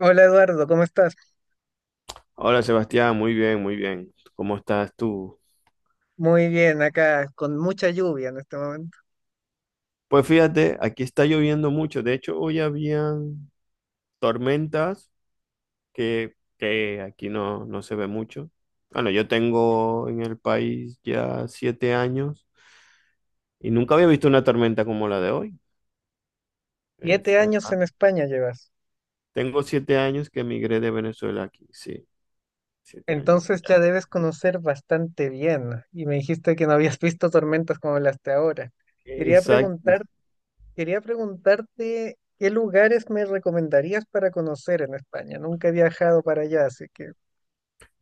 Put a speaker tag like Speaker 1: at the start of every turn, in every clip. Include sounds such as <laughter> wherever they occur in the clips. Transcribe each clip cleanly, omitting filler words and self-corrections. Speaker 1: Hola Eduardo, ¿cómo estás?
Speaker 2: Hola Sebastián, muy bien, muy bien. ¿Cómo estás tú?
Speaker 1: Muy bien, acá con mucha lluvia en este momento.
Speaker 2: Pues fíjate, aquí está lloviendo mucho. De hecho, hoy habían tormentas que aquí no se ve mucho. Bueno, yo tengo en el país ya 7 años y nunca había visto una tormenta como la de hoy. Es-
Speaker 1: Siete
Speaker 2: eh,
Speaker 1: años en España llevas,
Speaker 2: Tengo 7 años que emigré de Venezuela aquí, sí, 7 años.
Speaker 1: entonces ya
Speaker 2: Ya.
Speaker 1: debes conocer bastante bien. Y me dijiste que no habías <laughs> visto tormentas como las de ahora. Quería
Speaker 2: Exacto.
Speaker 1: preguntar, quería preguntarte qué lugares me recomendarías para conocer en España. Nunca he viajado para allá, así que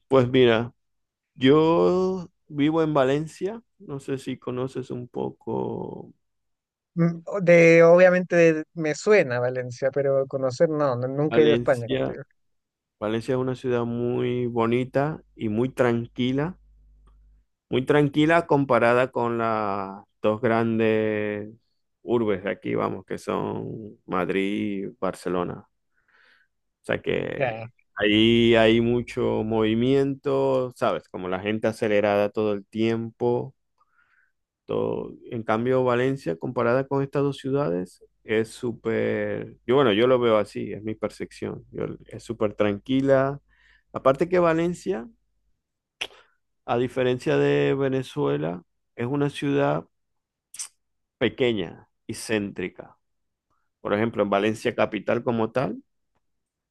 Speaker 2: Pues mira, yo vivo en Valencia. No sé si conoces un poco.
Speaker 1: mm, o- de obviamente de- me suena Valencia, pero conocer no, no, nunca he ido a España, como te
Speaker 2: Valencia,
Speaker 1: digo.
Speaker 2: Valencia es una ciudad muy bonita y muy tranquila comparada con las dos grandes urbes de aquí, vamos, que son Madrid y Barcelona. O sea
Speaker 1: Ya,
Speaker 2: que ahí hay mucho movimiento, ¿sabes? Como la gente acelerada todo el tiempo. En cambio, Valencia, comparada con estas dos ciudades, es súper, yo bueno, yo lo veo así, es mi percepción. Es súper tranquila. Aparte que Valencia, a diferencia de Venezuela, es una ciudad pequeña y céntrica. Por ejemplo, en Valencia capital como tal,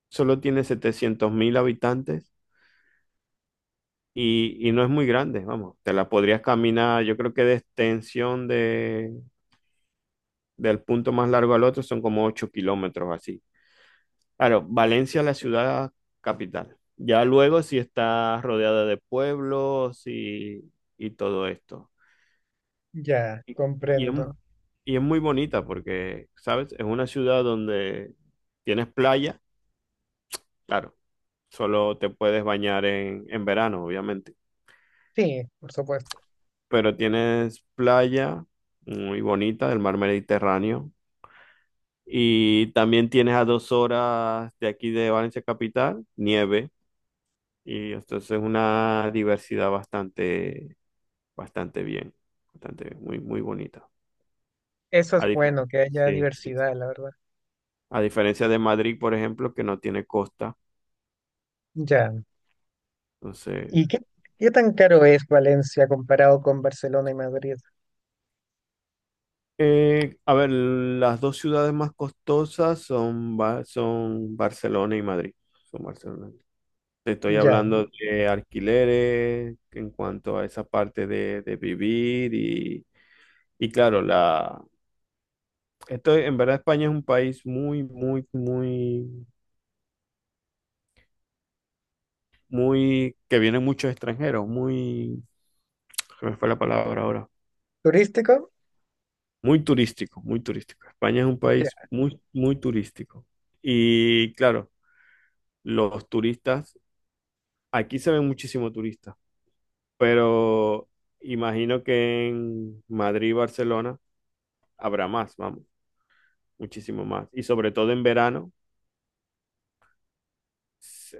Speaker 2: solo tiene 700.000 habitantes y no es muy grande, vamos, te la podrías caminar. Yo creo que de extensión, de, del punto más largo al otro son como 8 kilómetros así. Claro, Valencia es la ciudad capital. Ya luego sí está rodeada de pueblos y todo esto.
Speaker 1: ya,
Speaker 2: Y, y es,
Speaker 1: comprendo.
Speaker 2: y es muy bonita porque, ¿sabes? Es una ciudad donde tienes playa, claro, solo te puedes bañar en verano, obviamente,
Speaker 1: Sí, por supuesto.
Speaker 2: pero tienes playa muy bonita del mar Mediterráneo, y también tienes a 2 horas de aquí de Valencia capital nieve. Y entonces una diversidad bastante, bastante bien, bastante bien, muy, muy bonita.
Speaker 1: Eso es
Speaker 2: A diferencia,
Speaker 1: bueno, que haya
Speaker 2: sí, sí, sí,
Speaker 1: diversidad, la verdad.
Speaker 2: a diferencia de Madrid, por ejemplo, que no tiene costa.
Speaker 1: Ya.
Speaker 2: Entonces,
Speaker 1: ¿Y qué tan caro es Valencia comparado con Barcelona y Madrid?
Speaker 2: a ver, las dos ciudades más costosas son, son Barcelona y Madrid. Son Barcelona. Te estoy
Speaker 1: Ya.
Speaker 2: hablando de alquileres en cuanto a esa parte de vivir. Y claro, la, Esto en verdad, España es un país muy, muy, muy muy, que vienen muchos extranjeros, muy, se me fue la palabra ahora,
Speaker 1: ¿Turístico?
Speaker 2: muy turístico, muy turístico. España es un
Speaker 1: Ya,
Speaker 2: país muy, muy turístico. Y claro, los turistas, aquí se ven muchísimos turistas, pero imagino que en Madrid y Barcelona habrá más, vamos, muchísimo más. Y sobre todo en verano,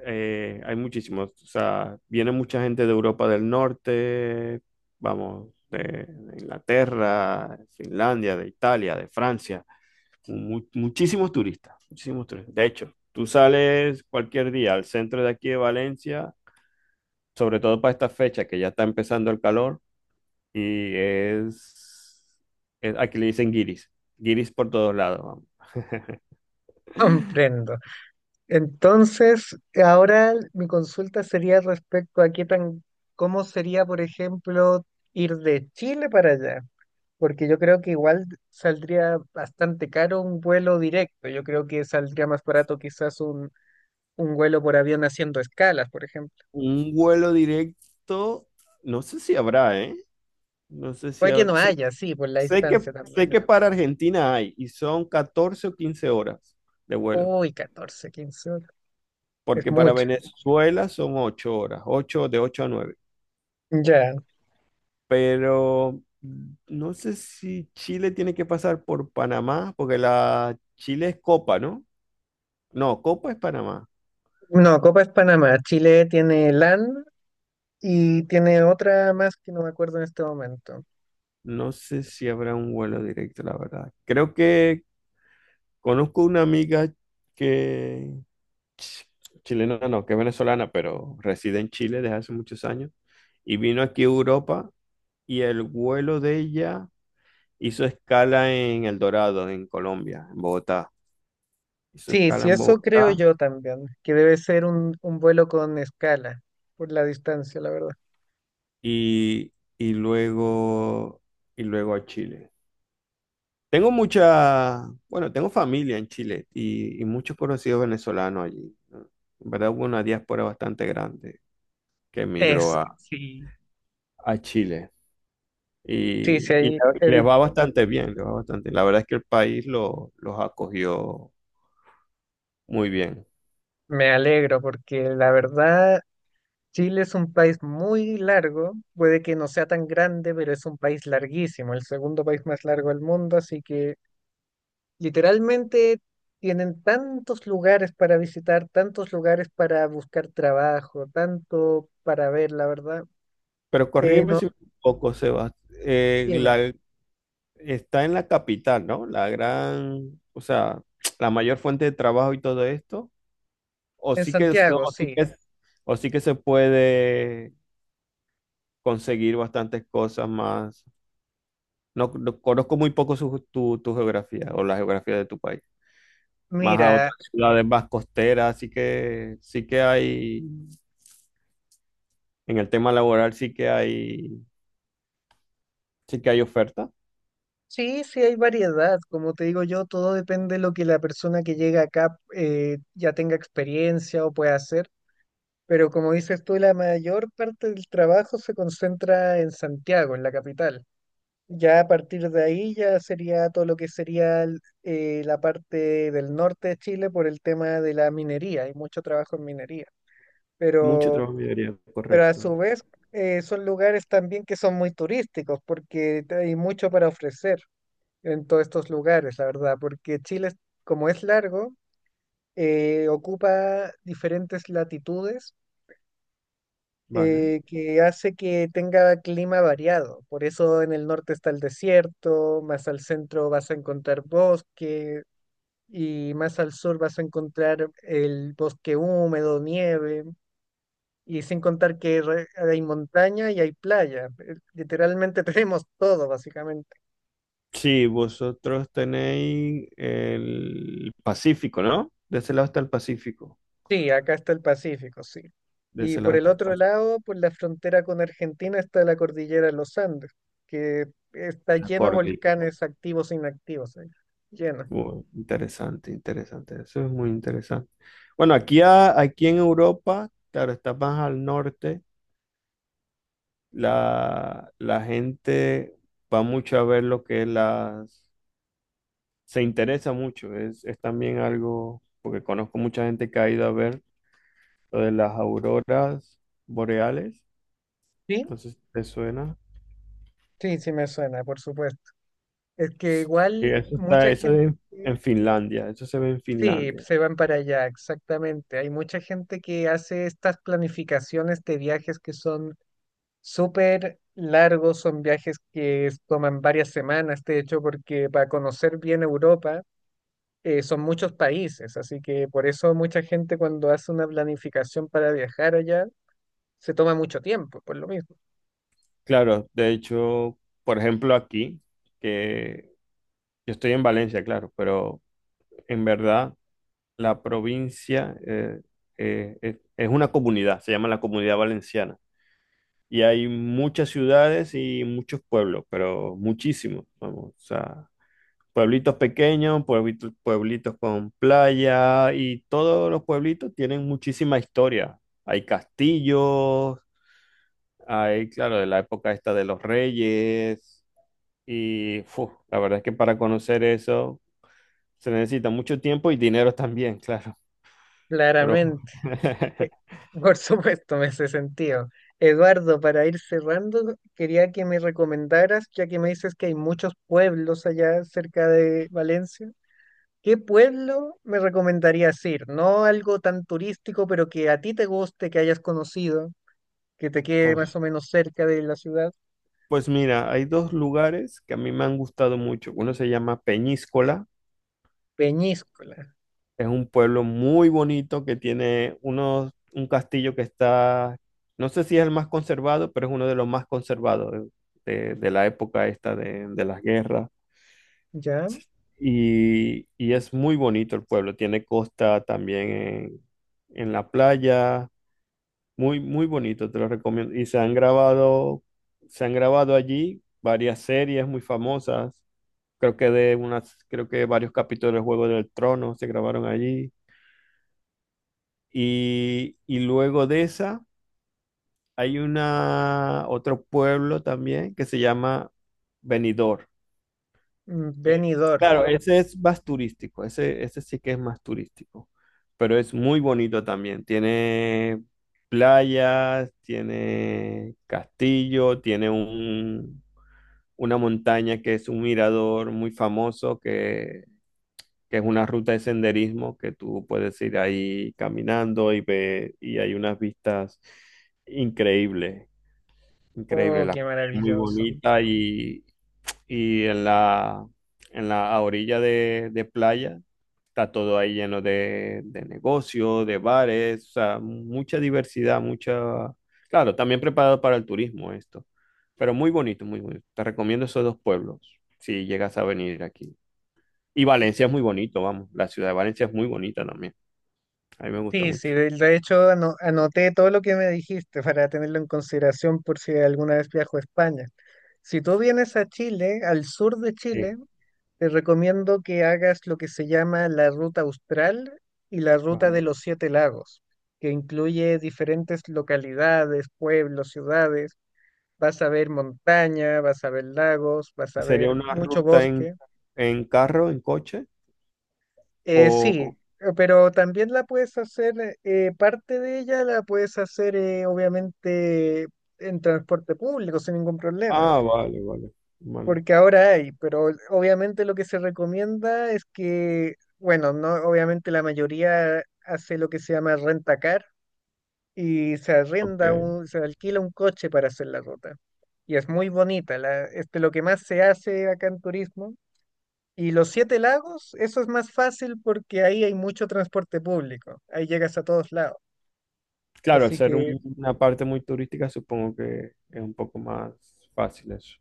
Speaker 2: hay muchísimos, o sea, viene mucha gente de Europa del Norte, vamos, de Inglaterra, Finlandia, de Italia, de Francia, muchísimos turistas, muchísimos turistas. De hecho, tú sales cualquier día al centro de aquí de Valencia, sobre todo para esta fecha que ya está empezando el calor, y es, aquí le dicen guiris, guiris por todos lados, vamos. <laughs>
Speaker 1: <laughs> comprendo. Entonces, ahora mi consulta sería respecto a cómo sería, por ejemplo, ir de Chile para allá, porque yo creo que igual saldría bastante caro un vuelo directo. Yo creo que saldría más barato quizás un vuelo por avión haciendo escalas, por ejemplo.
Speaker 2: Un vuelo directo, no sé si habrá, ¿eh? No sé si
Speaker 1: Puede que
Speaker 2: habrá-
Speaker 1: no
Speaker 2: sé,
Speaker 1: haya, sí, por la distancia
Speaker 2: sé
Speaker 1: también.
Speaker 2: que para Argentina hay, y son 14 o 15 horas de vuelo,
Speaker 1: Uy, 14 15 horas. Es
Speaker 2: porque para
Speaker 1: mucho.
Speaker 2: Venezuela son 8 horas, ocho, de 8 a 9.
Speaker 1: Ya.
Speaker 2: Pero no sé si Chile tiene que pasar por Panamá, porque la Chile es Copa, ¿no? No, Copa es Panamá.
Speaker 1: No, Copa es Panamá. Chile tiene LAN y tiene otra más que no me acuerdo en este momento.
Speaker 2: No sé si habrá un vuelo directo, la verdad. Creo que conozco una amiga que, chilena no, que es venezolana, pero reside en Chile desde hace muchos años. Y vino aquí a Europa, y el vuelo de ella hizo escala en El Dorado, en Colombia, en Bogotá. Hizo
Speaker 1: Sí,
Speaker 2: escala
Speaker 1: sí,
Speaker 2: en
Speaker 1: eso creo
Speaker 2: Bogotá
Speaker 1: yo también, que debe ser un vuelo con escala, por la distancia, la verdad.
Speaker 2: y, y luego, y luego a Chile. Tengo mucha, bueno, tengo familia en Chile y muchos conocidos venezolanos allí, ¿no? En verdad hubo una diáspora bastante grande que emigró
Speaker 1: Es,
Speaker 2: a,
Speaker 1: sí.
Speaker 2: Chile.
Speaker 1: Sí, sí,
Speaker 2: Y, y
Speaker 1: ahí
Speaker 2: la- y les va bastante bien, les va bastante bien. La verdad es que el país, los acogió muy bien.
Speaker 1: me alegro porque la verdad Chile es un país muy largo, puede que no sea tan grande, pero es un país larguísimo, el segundo país más largo del mundo, así que literalmente tienen tantos lugares para visitar, tantos lugares para buscar trabajo, tanto para ver, la verdad.
Speaker 2: Pero corrígeme
Speaker 1: No,
Speaker 2: si me equivoco, Sebas. eh,
Speaker 1: dime,
Speaker 2: la, Está en la capital, ¿no? La gran, o sea, <tsk> la mayor fuente de trabajo y todo esto. O
Speaker 1: en
Speaker 2: sí que, se-
Speaker 1: Santiago, sí.
Speaker 2: o sí que se puede conseguir bastantes cosas más. No, conozco muy poco, tu, tu geografía, o la geografía de tu país. Más a
Speaker 1: Mira,
Speaker 2: otras ciudades más costeras, así que sí que hay. En el tema laboral sí que hay oferta.
Speaker 1: sí, sí hay variedad, como te digo yo, todo depende de lo que la persona que llega acá ya tenga experiencia o pueda hacer. Pero como dices tú, la mayor parte del trabajo se concentra en Santiago, en la capital. Ya a partir de ahí ya sería todo lo que sería el- la parte del norte de Chile por el tema de la minería. Hay mucho trabajo en minería.
Speaker 2: Mucho
Speaker 1: Pero,
Speaker 2: trabajo en minería,
Speaker 1: pero a
Speaker 2: correcto.
Speaker 1: su vez son lugares también que son muy turísticos porque te- hay mucho para ofrecer en todos estos lugares, la verdad. Porque Chile, es- como es largo, ocupa diferentes latitudes
Speaker 2: Vale.
Speaker 1: que hace que tenga clima variado. Por eso en el norte está el desierto, más al centro vas a encontrar bosque y más al sur vas a encontrar el bosque húmedo, nieve. Y sin contar que re- hay montaña y hay playa. Literalmente <laughs> tenemos todo, básicamente.
Speaker 2: Sí, vosotros tenéis el Pacífico, ¿no? De ese lado está el Pacífico.
Speaker 1: Sí, acá está el Pacífico, sí.
Speaker 2: De
Speaker 1: Y
Speaker 2: ese
Speaker 1: por
Speaker 2: lado
Speaker 1: el
Speaker 2: está el
Speaker 1: otro
Speaker 2: Pacífico.
Speaker 1: lado, por la frontera con Argentina está la cordillera de los Andes, que está lleno de volcanes activos e inactivos. Ahí, lleno.
Speaker 2: Interesante, interesante. Eso es muy interesante. Bueno, aquí, aquí en Europa, claro, está más al norte. La gente va mucho a ver se interesa mucho, es también algo, porque conozco mucha gente que ha ido a ver lo de las auroras boreales,
Speaker 1: Sí,
Speaker 2: entonces te suena.
Speaker 1: sí, sí me suena, por supuesto. Es que
Speaker 2: Y
Speaker 1: igual
Speaker 2: eso está,
Speaker 1: mucha
Speaker 2: eso
Speaker 1: gente,
Speaker 2: es en Finlandia, eso se ve en
Speaker 1: sí,
Speaker 2: Finlandia.
Speaker 1: se van para allá, exactamente. Hay mucha gente que hace estas planificaciones de viajes que son súper largos, son viajes que es- toman varias semanas, de hecho, porque para conocer bien Europa son muchos países, así que por eso mucha gente cuando hace una planificación para viajar allá se toma mucho tiempo, por lo mismo.
Speaker 2: Claro, de hecho, por ejemplo, aquí, que yo estoy en Valencia, claro, pero en verdad la provincia, es una comunidad, se llama la Comunidad Valenciana. Y hay muchas ciudades y muchos pueblos, pero muchísimos, vamos, o sea, pueblitos pequeños, pueblitos, pueblitos con playa, y todos los pueblitos tienen muchísima historia. Hay castillos, hay, claro, de la época esta de los reyes, y fu, la verdad es que para conocer eso se necesita mucho tiempo y dinero también, claro, pero
Speaker 1: Claramente. Eh,
Speaker 2: <laughs>
Speaker 1: Por supuesto, me hace sentido. Eduardo, para ir cerrando, quería que me recomendaras, ya que me dices que hay muchos pueblos allá cerca de Valencia, ¿qué pueblo me recomendarías ir? No algo tan turístico, pero que a ti te guste, que hayas conocido, que te quede más
Speaker 2: pues,
Speaker 1: o menos cerca de la ciudad.
Speaker 2: pues mira, hay dos lugares que a mí me han gustado mucho. Uno se llama Peñíscola.
Speaker 1: Peñíscola,
Speaker 2: Es un pueblo muy bonito que tiene unos, un castillo que está, no sé si es el más conservado, pero es uno de los más conservados, de la época esta de las guerras.
Speaker 1: ¿ya?
Speaker 2: Y es muy bonito el pueblo, tiene costa también en la playa, muy, muy bonito, te lo recomiendo. Se han grabado allí varias series muy famosas, creo que de unas, creo que varios capítulos del Juego del Trono se grabaron allí. Y luego de esa, hay una, otro pueblo también que se llama Benidorm.
Speaker 1: Mm,
Speaker 2: Eh,
Speaker 1: Benidorm.
Speaker 2: claro, ese es más turístico, ese sí que es más turístico, pero es muy bonito también. Tiene playas, tiene castillo, tiene un, una montaña que es un mirador muy famoso, que es una ruta de senderismo que tú puedes ir ahí caminando, y ve, y hay unas vistas increíbles, increíbles.
Speaker 1: Oh,
Speaker 2: La
Speaker 1: qué
Speaker 2: playa es muy
Speaker 1: maravilloso.
Speaker 2: bonita, y en la orilla de playa está todo ahí lleno de negocios, de bares, o sea, mucha diversidad, Claro, también preparado para el turismo esto, pero muy bonito, muy bonito. Te recomiendo esos dos pueblos si llegas a venir aquí. Y Valencia es muy bonito, vamos. La ciudad de Valencia es muy bonita también. A mí me gusta
Speaker 1: Sí, sí,
Speaker 2: mucho.
Speaker 1: de hecho ano- anoté todo lo que me dijiste para tenerlo en consideración por si alguna vez viajo a España. Si tú vienes a Chile, al sur de
Speaker 2: Sí,
Speaker 1: Chile, te recomiendo que hagas lo que se llama la ruta austral y la ruta de
Speaker 2: vale.
Speaker 1: los 7 lagos, que incluye diferentes localidades, pueblos, ciudades. Vas a ver montaña, vas a ver lagos, vas
Speaker 2: ¿Y
Speaker 1: a
Speaker 2: sería
Speaker 1: ver
Speaker 2: una
Speaker 1: mucho
Speaker 2: ruta
Speaker 1: bosque.
Speaker 2: en carro, en coche?
Speaker 1: Eh, sí,
Speaker 2: O...
Speaker 1: pero también la puedes hacer, parte de ella la puedes hacer obviamente en transporte público sin ningún problema,
Speaker 2: Ah, vale, vale, vale.
Speaker 1: porque ahora hay, pero obviamente lo que se recomienda es que, bueno, no, obviamente la mayoría hace lo que se llama rentacar y se
Speaker 2: Ok.
Speaker 1: arrenda se alquila un coche para hacer la ruta. Y es muy bonita, la, este, lo que más se hace acá en turismo y los 7 Lagos, eso es más fácil porque ahí hay mucho transporte público, ahí llegas a todos lados.
Speaker 2: Claro, al
Speaker 1: Así
Speaker 2: ser
Speaker 1: que
Speaker 2: una parte muy turística, supongo que es un poco más fácil eso.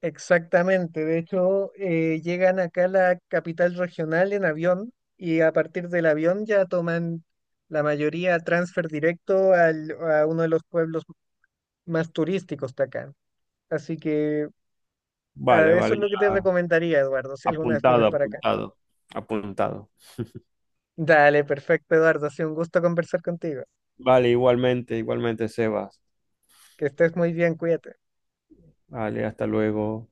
Speaker 1: exactamente, de hecho, llegan acá a la capital regional en avión y a partir del avión ya toman la mayoría transfer directo al- a uno de los pueblos más turísticos de acá. Así que ah,
Speaker 2: Vale,
Speaker 1: eso
Speaker 2: vale,
Speaker 1: es lo que te
Speaker 2: ya.
Speaker 1: recomendaría, Eduardo, si alguna vez vienes
Speaker 2: Apuntado,
Speaker 1: para acá.
Speaker 2: apuntado, apuntado.
Speaker 1: Dale, perfecto, Eduardo, ha sido un gusto conversar contigo.
Speaker 2: Vale, igualmente, igualmente, Sebas.
Speaker 1: Que estés muy bien, cuídate.
Speaker 2: Vale, hasta luego.